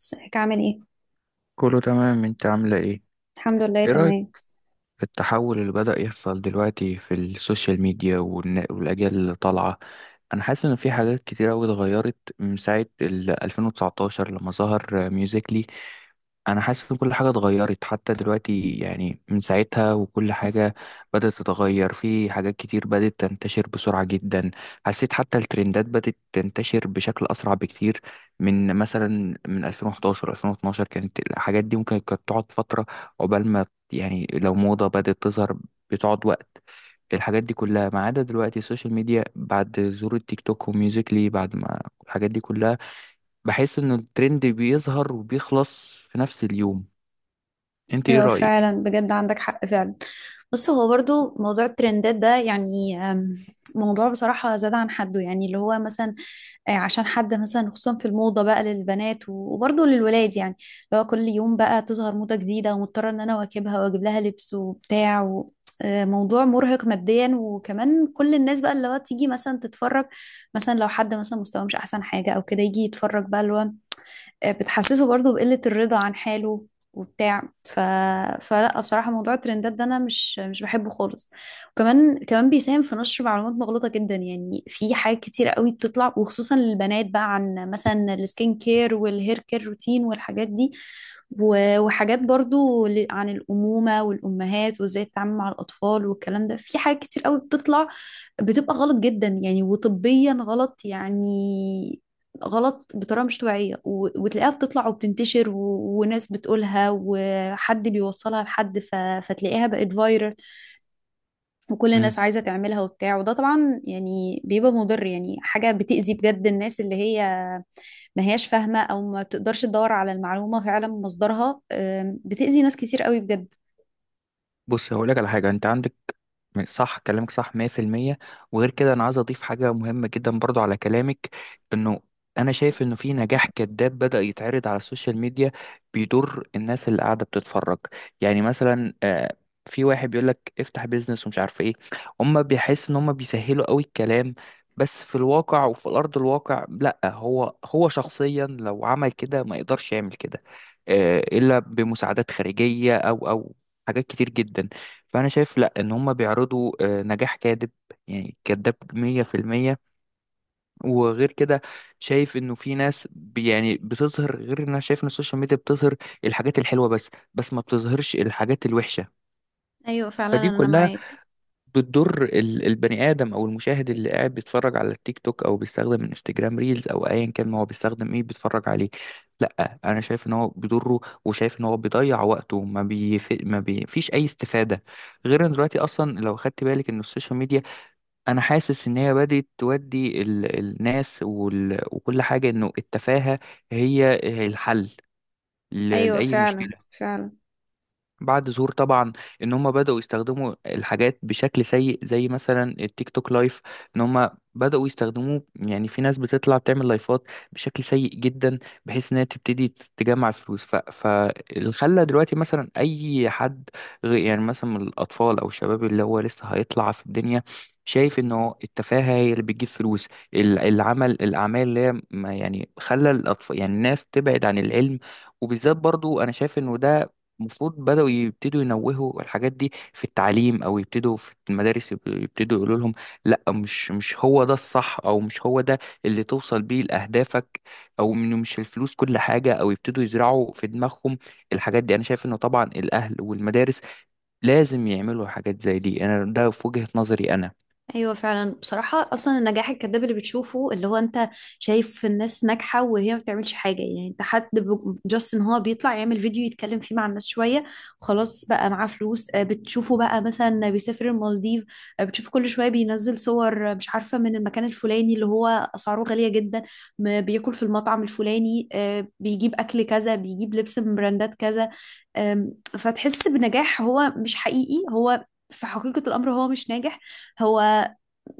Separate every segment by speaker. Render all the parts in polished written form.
Speaker 1: ازيك عامل ايه؟
Speaker 2: كله تمام، انت عاملة ايه؟
Speaker 1: الحمد لله
Speaker 2: ايه رأيك؟
Speaker 1: تمام.
Speaker 2: التحول اللي بدأ يحصل دلوقتي في السوشيال ميديا والأجيال اللي طالعة. أنا حاسس إن في حاجات كتير أوي اتغيرت من ساعة ال 2019 لما ظهر ميوزيكلي. أنا حاسس إن كل حاجة اتغيرت حتى دلوقتي، يعني من ساعتها وكل حاجة بدأت تتغير، في حاجات كتير بدأت تنتشر بسرعة جدا. حسيت حتى الترندات بدأت تنتشر بشكل أسرع بكتير. من مثلا من 2011 2012 كانت الحاجات دي ممكن كانت تقعد فترة عقبال ما، يعني لو موضة بدأت تظهر بتقعد وقت. الحاجات دي كلها، ما عدا دلوقتي السوشيال ميديا بعد ظهور التيك توك وميوزيكلي، بعد ما الحاجات دي كلها بحس إنه الترند بيظهر وبيخلص في نفس اليوم. أنت إيه
Speaker 1: ايوه
Speaker 2: رأيك؟
Speaker 1: فعلا بجد عندك حق فعلا. بص، هو برضو موضوع الترندات ده يعني، موضوع بصراحة زاد عن حده. يعني اللي هو مثلا عشان حد مثلا خصوصا في الموضة بقى للبنات وبرضو للولاد، يعني اللي هو كل يوم بقى تظهر موضة جديدة ومضطرة ان انا اواكبها واجيب لها لبس وبتاع موضوع مرهق ماديا. وكمان كل الناس بقى اللي هو تيجي مثلا تتفرج، مثلا لو حد مثلا مستواه مش احسن حاجه او كده يجي يتفرج بقى اللي هو بتحسسه برضو بقلة الرضا عن حاله وبتاع فلا بصراحة موضوع الترندات ده أنا مش بحبه خالص. وكمان بيساهم في نشر معلومات مغلوطة جدا. يعني في حاجات كتيرة قوي بتطلع وخصوصا للبنات بقى عن مثلا السكين كير والهير كير روتين والحاجات دي، وحاجات برضو عن الأمومة والأمهات وإزاي تتعامل مع الأطفال والكلام ده. في حاجات كتير قوي بتطلع بتبقى غلط جدا يعني، وطبيا غلط يعني، غلط بطريقة مش طبيعية وتلاقيها بتطلع وبتنتشر و... وناس بتقولها وحد بيوصلها لحد فتلاقيها بقت فايرال وكل الناس عايزة تعملها وبتاع. وده طبعا يعني بيبقى مضر، يعني حاجة بتأذي بجد الناس اللي هي ما هياش فاهمة أو ما تقدرش تدور على المعلومة فعلا من مصدرها. بتأذي ناس كتير قوي بجد.
Speaker 2: بص، هقولك على حاجة انت عندك، صح، كلامك صح 100%. وغير كده انا عايز اضيف حاجة مهمة جدا برضو على كلامك. انه انا شايف انه في نجاح كذاب بدأ يتعرض على السوشيال ميديا بيضر الناس اللي قاعدة بتتفرج. يعني مثلا، في واحد بيقولك افتح بيزنس ومش عارف ايه. هما بيحس ان هما بيسهلوا قوي الكلام. بس في الواقع وفي الارض الواقع لا، هو شخصيا لو عمل كده ما يقدرش يعمل كده، الا بمساعدات خارجية او حاجات كتير جدا. فانا شايف لا، ان هم بيعرضوا نجاح كاذب، يعني كذاب 100%. وغير كده شايف انه في ناس يعني بتظهر، غير ان انا شايف ان السوشيال ميديا بتظهر الحاجات الحلوه بس، ما بتظهرش الحاجات الوحشه.
Speaker 1: ايوه فعلا
Speaker 2: فدي
Speaker 1: انا
Speaker 2: كلها
Speaker 1: معاك.
Speaker 2: بتضر البني ادم او المشاهد اللي قاعد بيتفرج على التيك توك، او بيستخدم انستجرام ريلز، او ايا كان ما هو بيستخدم ايه بيتفرج عليه. لا انا شايف ان هو بيضره، وشايف ان هو بيضيع وقته، ما بيف... ما بي... فيش اي استفاده. غير ان دلوقتي اصلا لو خدت بالك ان السوشيال ميديا، انا حاسس ان هي بدات تودي الناس وكل حاجه انه التفاهه هي الحل
Speaker 1: ايوه
Speaker 2: لاي
Speaker 1: فعلا
Speaker 2: مشكله.
Speaker 1: فعلا.
Speaker 2: بعد ظهور طبعا ان هم بدأوا يستخدموا الحاجات بشكل سيء، زي مثلا التيك توك لايف. ان هم بدأوا يستخدموه، يعني في ناس بتطلع تعمل لايفات بشكل سيء جدا، بحيث انها تبتدي تجمع فلوس. فاللي خلى دلوقتي مثلا اي حد، غير يعني مثلا من الاطفال او الشباب اللي هو لسه هيطلع في الدنيا، شايف انه التفاهة هي اللي بتجيب فلوس. ال- العمل الاعمال اللي هي يعني خلى الاطفال، يعني الناس تبعد عن العلم. وبالذات برضو انا شايف انه ده المفروض بدأوا يبتدوا ينوهوا الحاجات دي في التعليم، او يبتدوا في المدارس يبتدوا يقولوا لهم لا، مش هو ده الصح، او مش هو ده اللي توصل بيه لأهدافك، او انه مش الفلوس كل حاجة، او يبتدوا يزرعوا في دماغهم الحاجات دي. انا شايف انه طبعا الاهل والمدارس لازم يعملوا حاجات زي دي. انا ده في وجهة نظري انا.
Speaker 1: ايوه فعلا بصراحه اصلا النجاح الكذاب اللي بتشوفه اللي هو انت شايف الناس ناجحه وهي ما بتعملش حاجه، يعني انت حد جاست ان هو بيطلع يعمل فيديو يتكلم فيه مع الناس شويه خلاص بقى معاه فلوس. بتشوفه بقى مثلا بيسافر المالديف، بتشوفه كل شويه بينزل صور، مش عارفه من المكان الفلاني اللي هو اسعاره غاليه جدا. بياكل في المطعم الفلاني، بيجيب اكل كذا، بيجيب لبس من براندات كذا. فتحس بنجاح هو مش حقيقي. هو في حقيقة الأمر هو مش ناجح. هو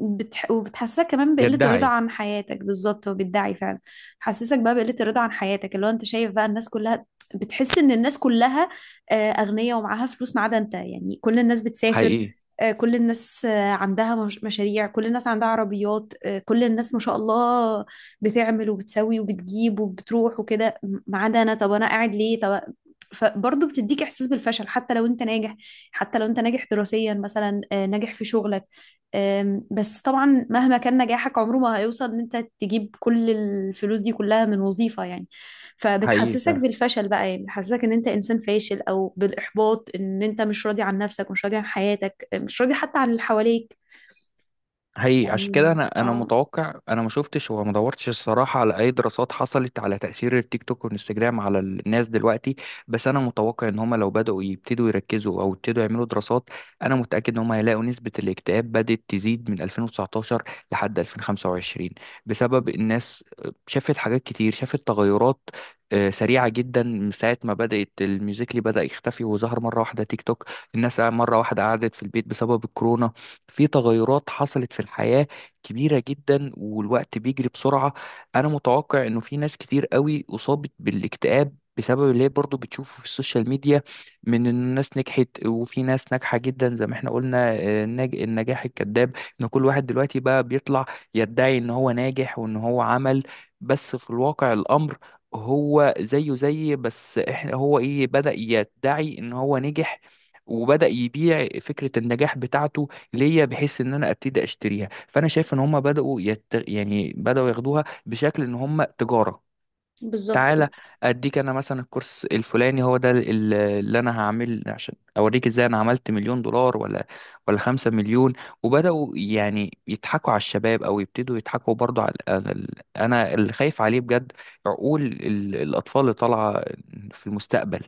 Speaker 1: وبتحسسك كمان بقلة الرضا
Speaker 2: بيدعي.
Speaker 1: عن حياتك بالظبط. هو بيدعي فعلا، حسسك بقى بقلة الرضا عن حياتك، اللي هو انت شايف بقى الناس كلها، بتحس ان الناس كلها اغنياء ومعاها فلوس ما عدا انت. يعني كل الناس بتسافر،
Speaker 2: حقيقي.
Speaker 1: كل الناس عندها مشاريع، كل الناس عندها عربيات، كل الناس ما شاء الله بتعمل وبتسوي وبتجيب وبتروح وكده، ما عدا انا. طب انا قاعد ليه؟ طب فبرضه بتديك احساس بالفشل حتى لو انت ناجح. حتى لو انت ناجح دراسيا مثلا، ناجح في شغلك. بس طبعا مهما كان نجاحك عمره ما هيوصل ان انت تجيب كل الفلوس دي كلها من وظيفة يعني. فبتحسسك
Speaker 2: حقيقي.
Speaker 1: بالفشل بقى، يعني بتحسسك ان انت انسان فاشل او بالاحباط، ان انت مش راضي عن نفسك، مش راضي عن حياتك، مش راضي حتى عن اللي حواليك.
Speaker 2: هي عشان كده
Speaker 1: يعني
Speaker 2: انا
Speaker 1: اه،
Speaker 2: متوقع، انا ما شفتش وما دورتش الصراحه على اي دراسات حصلت على تاثير التيك توك والانستجرام على الناس دلوقتي. بس انا متوقع ان هم لو بداوا يبتدوا يركزوا، او يبتدوا يعملوا دراسات، انا متاكد ان هم هيلاقوا نسبه الاكتئاب بدات تزيد من 2019 لحد 2025. بسبب الناس شافت حاجات كتير، شافت تغيرات سريعة جدا، من ساعة ما بدأت الميوزيكلي بدأ يختفي وظهر مرة واحدة تيك توك. الناس مرة واحدة قعدت في البيت بسبب الكورونا. في تغيرات حصلت في الحياة كبيرة جدا، والوقت بيجري بسرعة. أنا متوقع إنه في ناس كتير قوي أصابت بالاكتئاب بسبب اللي هي برضه بتشوفه في السوشيال ميديا، من إن الناس نجحت وفي ناس ناجحة جدا زي ما احنا قلنا، النجاح الكذاب. إن كل واحد دلوقتي بقى بيطلع يدعي إن هو ناجح وإن هو عمل، بس في الواقع الأمر هو زيه زي بس احنا، هو ايه بدأ يدعي ان هو نجح وبدأ يبيع فكرة النجاح بتاعته ليا بحيث ان انا ابتدي اشتريها. فانا شايف ان هم بداوا يعني بداوا ياخدوها بشكل ان هم تجاره.
Speaker 1: بالظبط.
Speaker 2: تعالى اديك انا مثلا، الكورس الفلاني هو ده اللي انا هعمل عشان اوريك ازاي انا عملت مليون دولار، ولا خمسة مليون. وبدأوا يعني يضحكوا على الشباب، او يبتدوا يضحكوا برضو على انا اللي خايف عليه بجد عقول الاطفال اللي طالعة في المستقبل.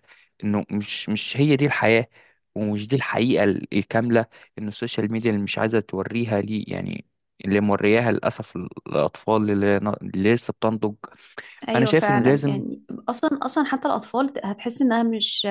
Speaker 2: انه مش هي دي الحياة، ومش دي الحقيقة الكاملة، ان السوشيال ميديا اللي مش عايزة توريها لي، يعني اللي مورياها للأسف الأطفال اللي لسه بتنضج. أنا
Speaker 1: ايوه
Speaker 2: شايف إنه
Speaker 1: فعلا
Speaker 2: لازم.
Speaker 1: يعني. اصلا حتى الاطفال هتحس انها مش،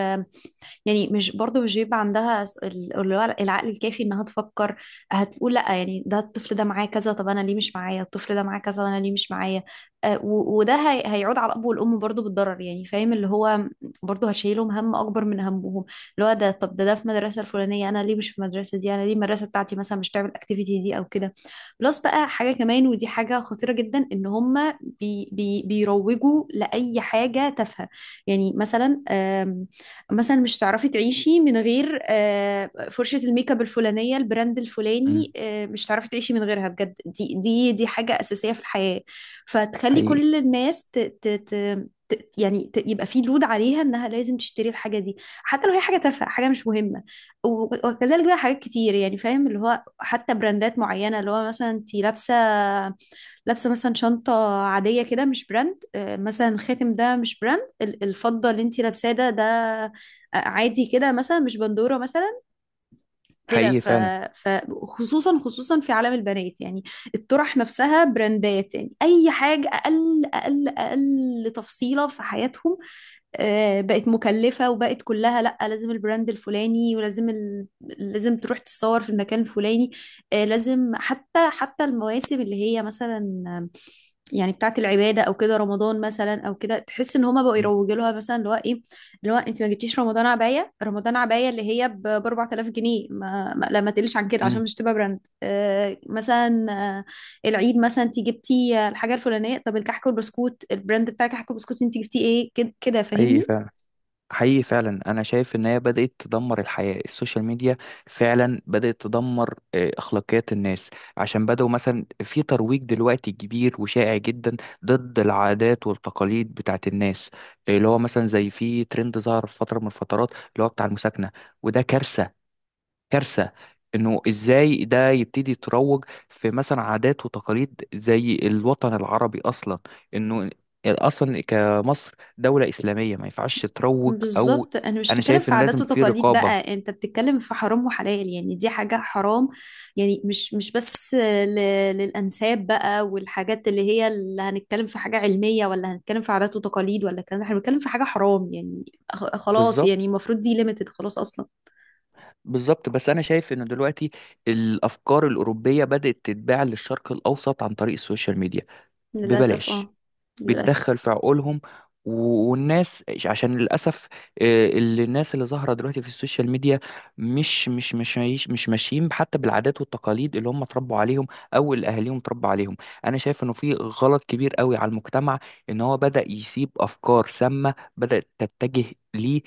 Speaker 1: يعني مش برضو مش بيبقى عندها العقل الكافي انها تفكر. هتقول لا، يعني ده الطفل ده معاه كذا، طب انا ليه مش معايا؟ الطفل ده معاه كذا وانا ليه مش معايا؟ وده هيعود على الاب والام برضو بالضرر. يعني فاهم اللي هو برضو هشيلهم هم اكبر من همهم. اللي هو ده، طب ده ده في المدرسه الفلانيه، انا ليه مش في المدرسه دي؟ انا ليه المدرسه بتاعتي مثلا مش تعمل الاكتيفيتي دي او كده؟ بلس بقى حاجة كمان، ودي حاجة خطيرة جدا، ان هم بي بي بيروجوا لأي حاجة تافهة. يعني مثلا، مثلا مش هتعرفي تعيشي من غير فرشة الميك اب الفلانية، البراند
Speaker 2: مم.
Speaker 1: الفلاني، مش هتعرفي تعيشي من غيرها بجد، دي حاجة أساسية في الحياة. فتخلي
Speaker 2: حقيقي.
Speaker 1: كل الناس يعني يبقى في لود عليها انها لازم تشتري الحاجه دي حتى لو هي حاجه تافهه، حاجه مش مهمه. و- وكذلك بقى حاجات كتير، يعني فاهم اللي هو حتى براندات معينه، اللي هو مثلا انت لابسه مثلا شنطه عاديه كده مش براند. مثلا الخاتم ده مش براند، الفضه اللي انت لابساه ده عادي كده مثلا مش بندوره مثلا كده
Speaker 2: حقيقي فعلا.
Speaker 1: فخصوصا خصوصا خصوصا في عالم البنات يعني. الطرح نفسها براندات، يعني اي حاجه اقل تفصيله في حياتهم بقت مكلفه، وبقت كلها لا، لازم البراند الفلاني، ولازم ال... لازم تروح تتصور في المكان الفلاني، لازم حتى المواسم اللي هي مثلا يعني بتاعت العباده او كده، رمضان مثلا او كده تحس ان هما بقوا
Speaker 2: مم.
Speaker 1: يروجوا لها. مثلا اللي هو ايه، اللي هو انت ما جبتيش رمضان عبايه؟ رمضان عبايه اللي هي ب 4000 جنيه، لا ما تقليش عن كده عشان
Speaker 2: مم.
Speaker 1: مش تبقى براند. مثلا آه، العيد مثلا انت جبتي الحاجه الفلانيه؟ طب الكحك والبسكوت، البراند بتاع الكحك والبسكوت انت جبتيه ايه؟ كده
Speaker 2: حقيقي
Speaker 1: فاهمني.
Speaker 2: فعلا. حقيقي فعلا، انا شايف ان هي بدأت تدمر الحياة السوشيال ميديا. فعلا بدأت تدمر اخلاقيات الناس، عشان بدأوا مثلا في ترويج دلوقتي كبير وشائع جدا ضد العادات والتقاليد بتاعت الناس. اللي هو مثلا زي في ترند ظهر في فترة من الفترات اللي هو بتاع المساكنة، وده كارثة. كارثة انه ازاي ده يبتدي يتروج في مثلا عادات وتقاليد زي الوطن العربي اصلا، انه اصلا كمصر دولة اسلامية ما ينفعش تروج. او
Speaker 1: بالظبط، انا مش
Speaker 2: انا
Speaker 1: بتكلم
Speaker 2: شايف
Speaker 1: في
Speaker 2: انه
Speaker 1: عادات
Speaker 2: لازم في
Speaker 1: وتقاليد
Speaker 2: رقابة.
Speaker 1: بقى، انت بتتكلم في حرام وحلال، يعني دي حاجه حرام. يعني مش بس للانساب بقى والحاجات اللي هي، اللي هنتكلم في حاجه علميه ولا هنتكلم في عادات وتقاليد، ولا الكلام ده، احنا بنتكلم في حاجه حرام يعني. خلاص
Speaker 2: بالظبط.
Speaker 1: يعني، المفروض دي ليميتد خلاص اصلا.
Speaker 2: بالظبط، بس انا شايف انه دلوقتي الافكار الاوروبية بدأت تتباع للشرق الاوسط عن طريق السوشيال ميديا
Speaker 1: للاسف
Speaker 2: ببلاش،
Speaker 1: اه. للاسف.
Speaker 2: بتدخل في عقولهم. والناس عشان للاسف، آه، اللي الناس اللي ظاهره دلوقتي في السوشيال ميديا مش ماشيين حتى بالعادات والتقاليد اللي هم اتربوا عليهم، او اللي اهاليهم اتربوا عليهم. انا شايف انه في غلط كبير قوي على المجتمع ان هو بدا يسيب افكار سامه بدات تتجه ليه،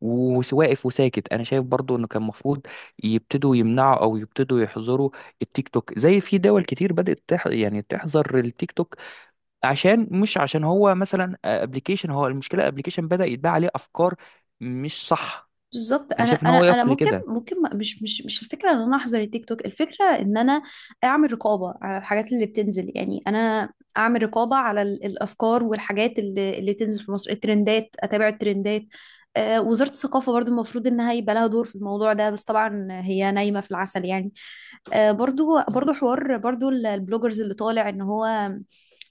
Speaker 2: وواقف وساكت. انا شايف برضو انه كان المفروض يبتدوا يمنعوا او يبتدوا يحظروا التيك توك، زي في دول كتير بدات يعني تحظر التيك توك. عشان مش، عشان هو مثلا ابلكيشن، هو المشكله ابلكيشن بدأ يتباع عليه افكار مش صح.
Speaker 1: بالظبط،
Speaker 2: انا
Speaker 1: انا
Speaker 2: شايف ان هو يقف
Speaker 1: ممكن،
Speaker 2: لكده.
Speaker 1: مش الفكره ان انا احظر التيك توك، الفكره ان انا اعمل رقابه على الحاجات اللي بتنزل. يعني انا اعمل رقابه على الافكار والحاجات اللي بتنزل في مصر، الترندات، اتابع الترندات. آه، وزاره الثقافه برضو المفروض انها يبقى لها دور في الموضوع ده، بس طبعا هي نايمه في العسل يعني. برضو
Speaker 2: مم.
Speaker 1: حوار برضو البلوجرز اللي طالع ان هو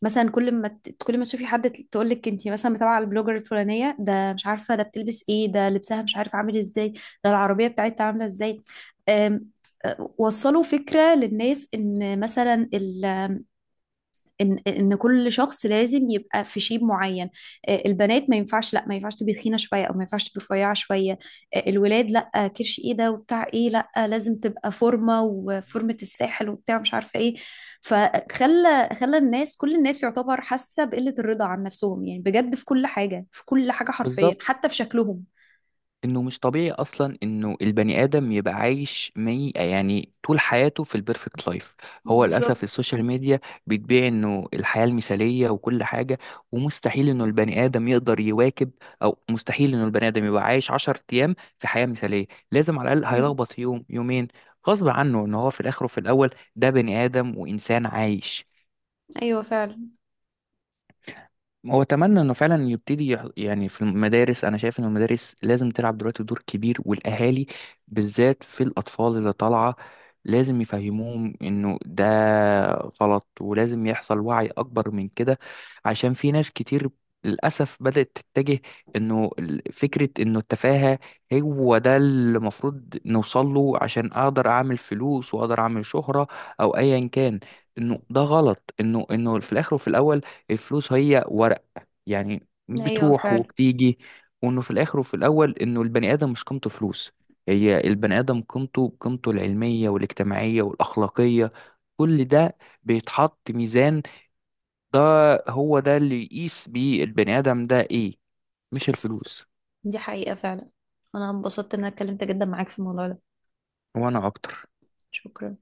Speaker 1: مثلا، كل ما كل ما تشوفي حد تقول لك انت مثلا متابعه البلوجر الفلانيه ده، مش عارفه ده بتلبس ايه، ده لبسها مش عارف عامل ازاي، ده العربيه بتاعتها عامله ازاي. آم، وصلوا فكره للناس ان مثلا ان كل شخص لازم يبقى في شيب معين. البنات ما ينفعش، لا ما ينفعش تبقى تخينه شويه او ما ينفعش تبقى رفيعه شويه. الولاد لا، كرش ايه ده وبتاع ايه، لا لازم تبقى فورمه وفورمه الساحل وبتاع مش عارفه ايه. فخلى الناس، كل الناس، يعتبر حاسه بقله الرضا عن نفسهم يعني، بجد في كل حاجه، في كل حاجه حرفيا،
Speaker 2: بالظبط،
Speaker 1: حتى في شكلهم.
Speaker 2: انه مش طبيعي اصلا انه البني ادم يبقى عايش يعني طول حياته في البيرفكت لايف. هو للاسف
Speaker 1: بالظبط.
Speaker 2: السوشيال ميديا بتبيع انه الحياه المثاليه وكل حاجه، ومستحيل انه البني ادم يقدر يواكب، او مستحيل انه البني ادم يبقى عايش 10 ايام في حياه مثاليه. لازم على الاقل
Speaker 1: مم.
Speaker 2: هيلخبط يوم يومين، غصب عنه، ان هو في الاخر وفي الاول ده بني ادم وانسان عايش.
Speaker 1: ايوه فعلا.
Speaker 2: هو اتمنى انه فعلا يبتدي يعني في المدارس انا شايف ان المدارس لازم تلعب دلوقتي دور كبير، والاهالي بالذات في الاطفال اللي طالعه لازم يفهموهم انه ده غلط، ولازم يحصل وعي اكبر من كده. عشان في ناس كتير للاسف بدات تتجه انه فكره انه التفاهه هو ده اللي المفروض نوصل له عشان اقدر اعمل فلوس واقدر اعمل شهره، او ايا كان. انه ده غلط، انه في الاخر وفي الاول الفلوس هي ورق، يعني
Speaker 1: ايوه
Speaker 2: بتروح
Speaker 1: فعلا.
Speaker 2: وبتيجي. وانه في الاخر وفي الاول انه البني ادم مش قيمته فلوس، هي البني ادم قيمته بقيمته العلميه والاجتماعيه والاخلاقيه، كل ده بيتحط ميزان ده. هو ده اللي يقيس بيه البني ادم ده ايه، مش الفلوس.
Speaker 1: دي حقيقة فعلا. انا انبسطت ان انا اتكلمت جدا معاك في الموضوع ده.
Speaker 2: وانا اكتر.
Speaker 1: شكرا.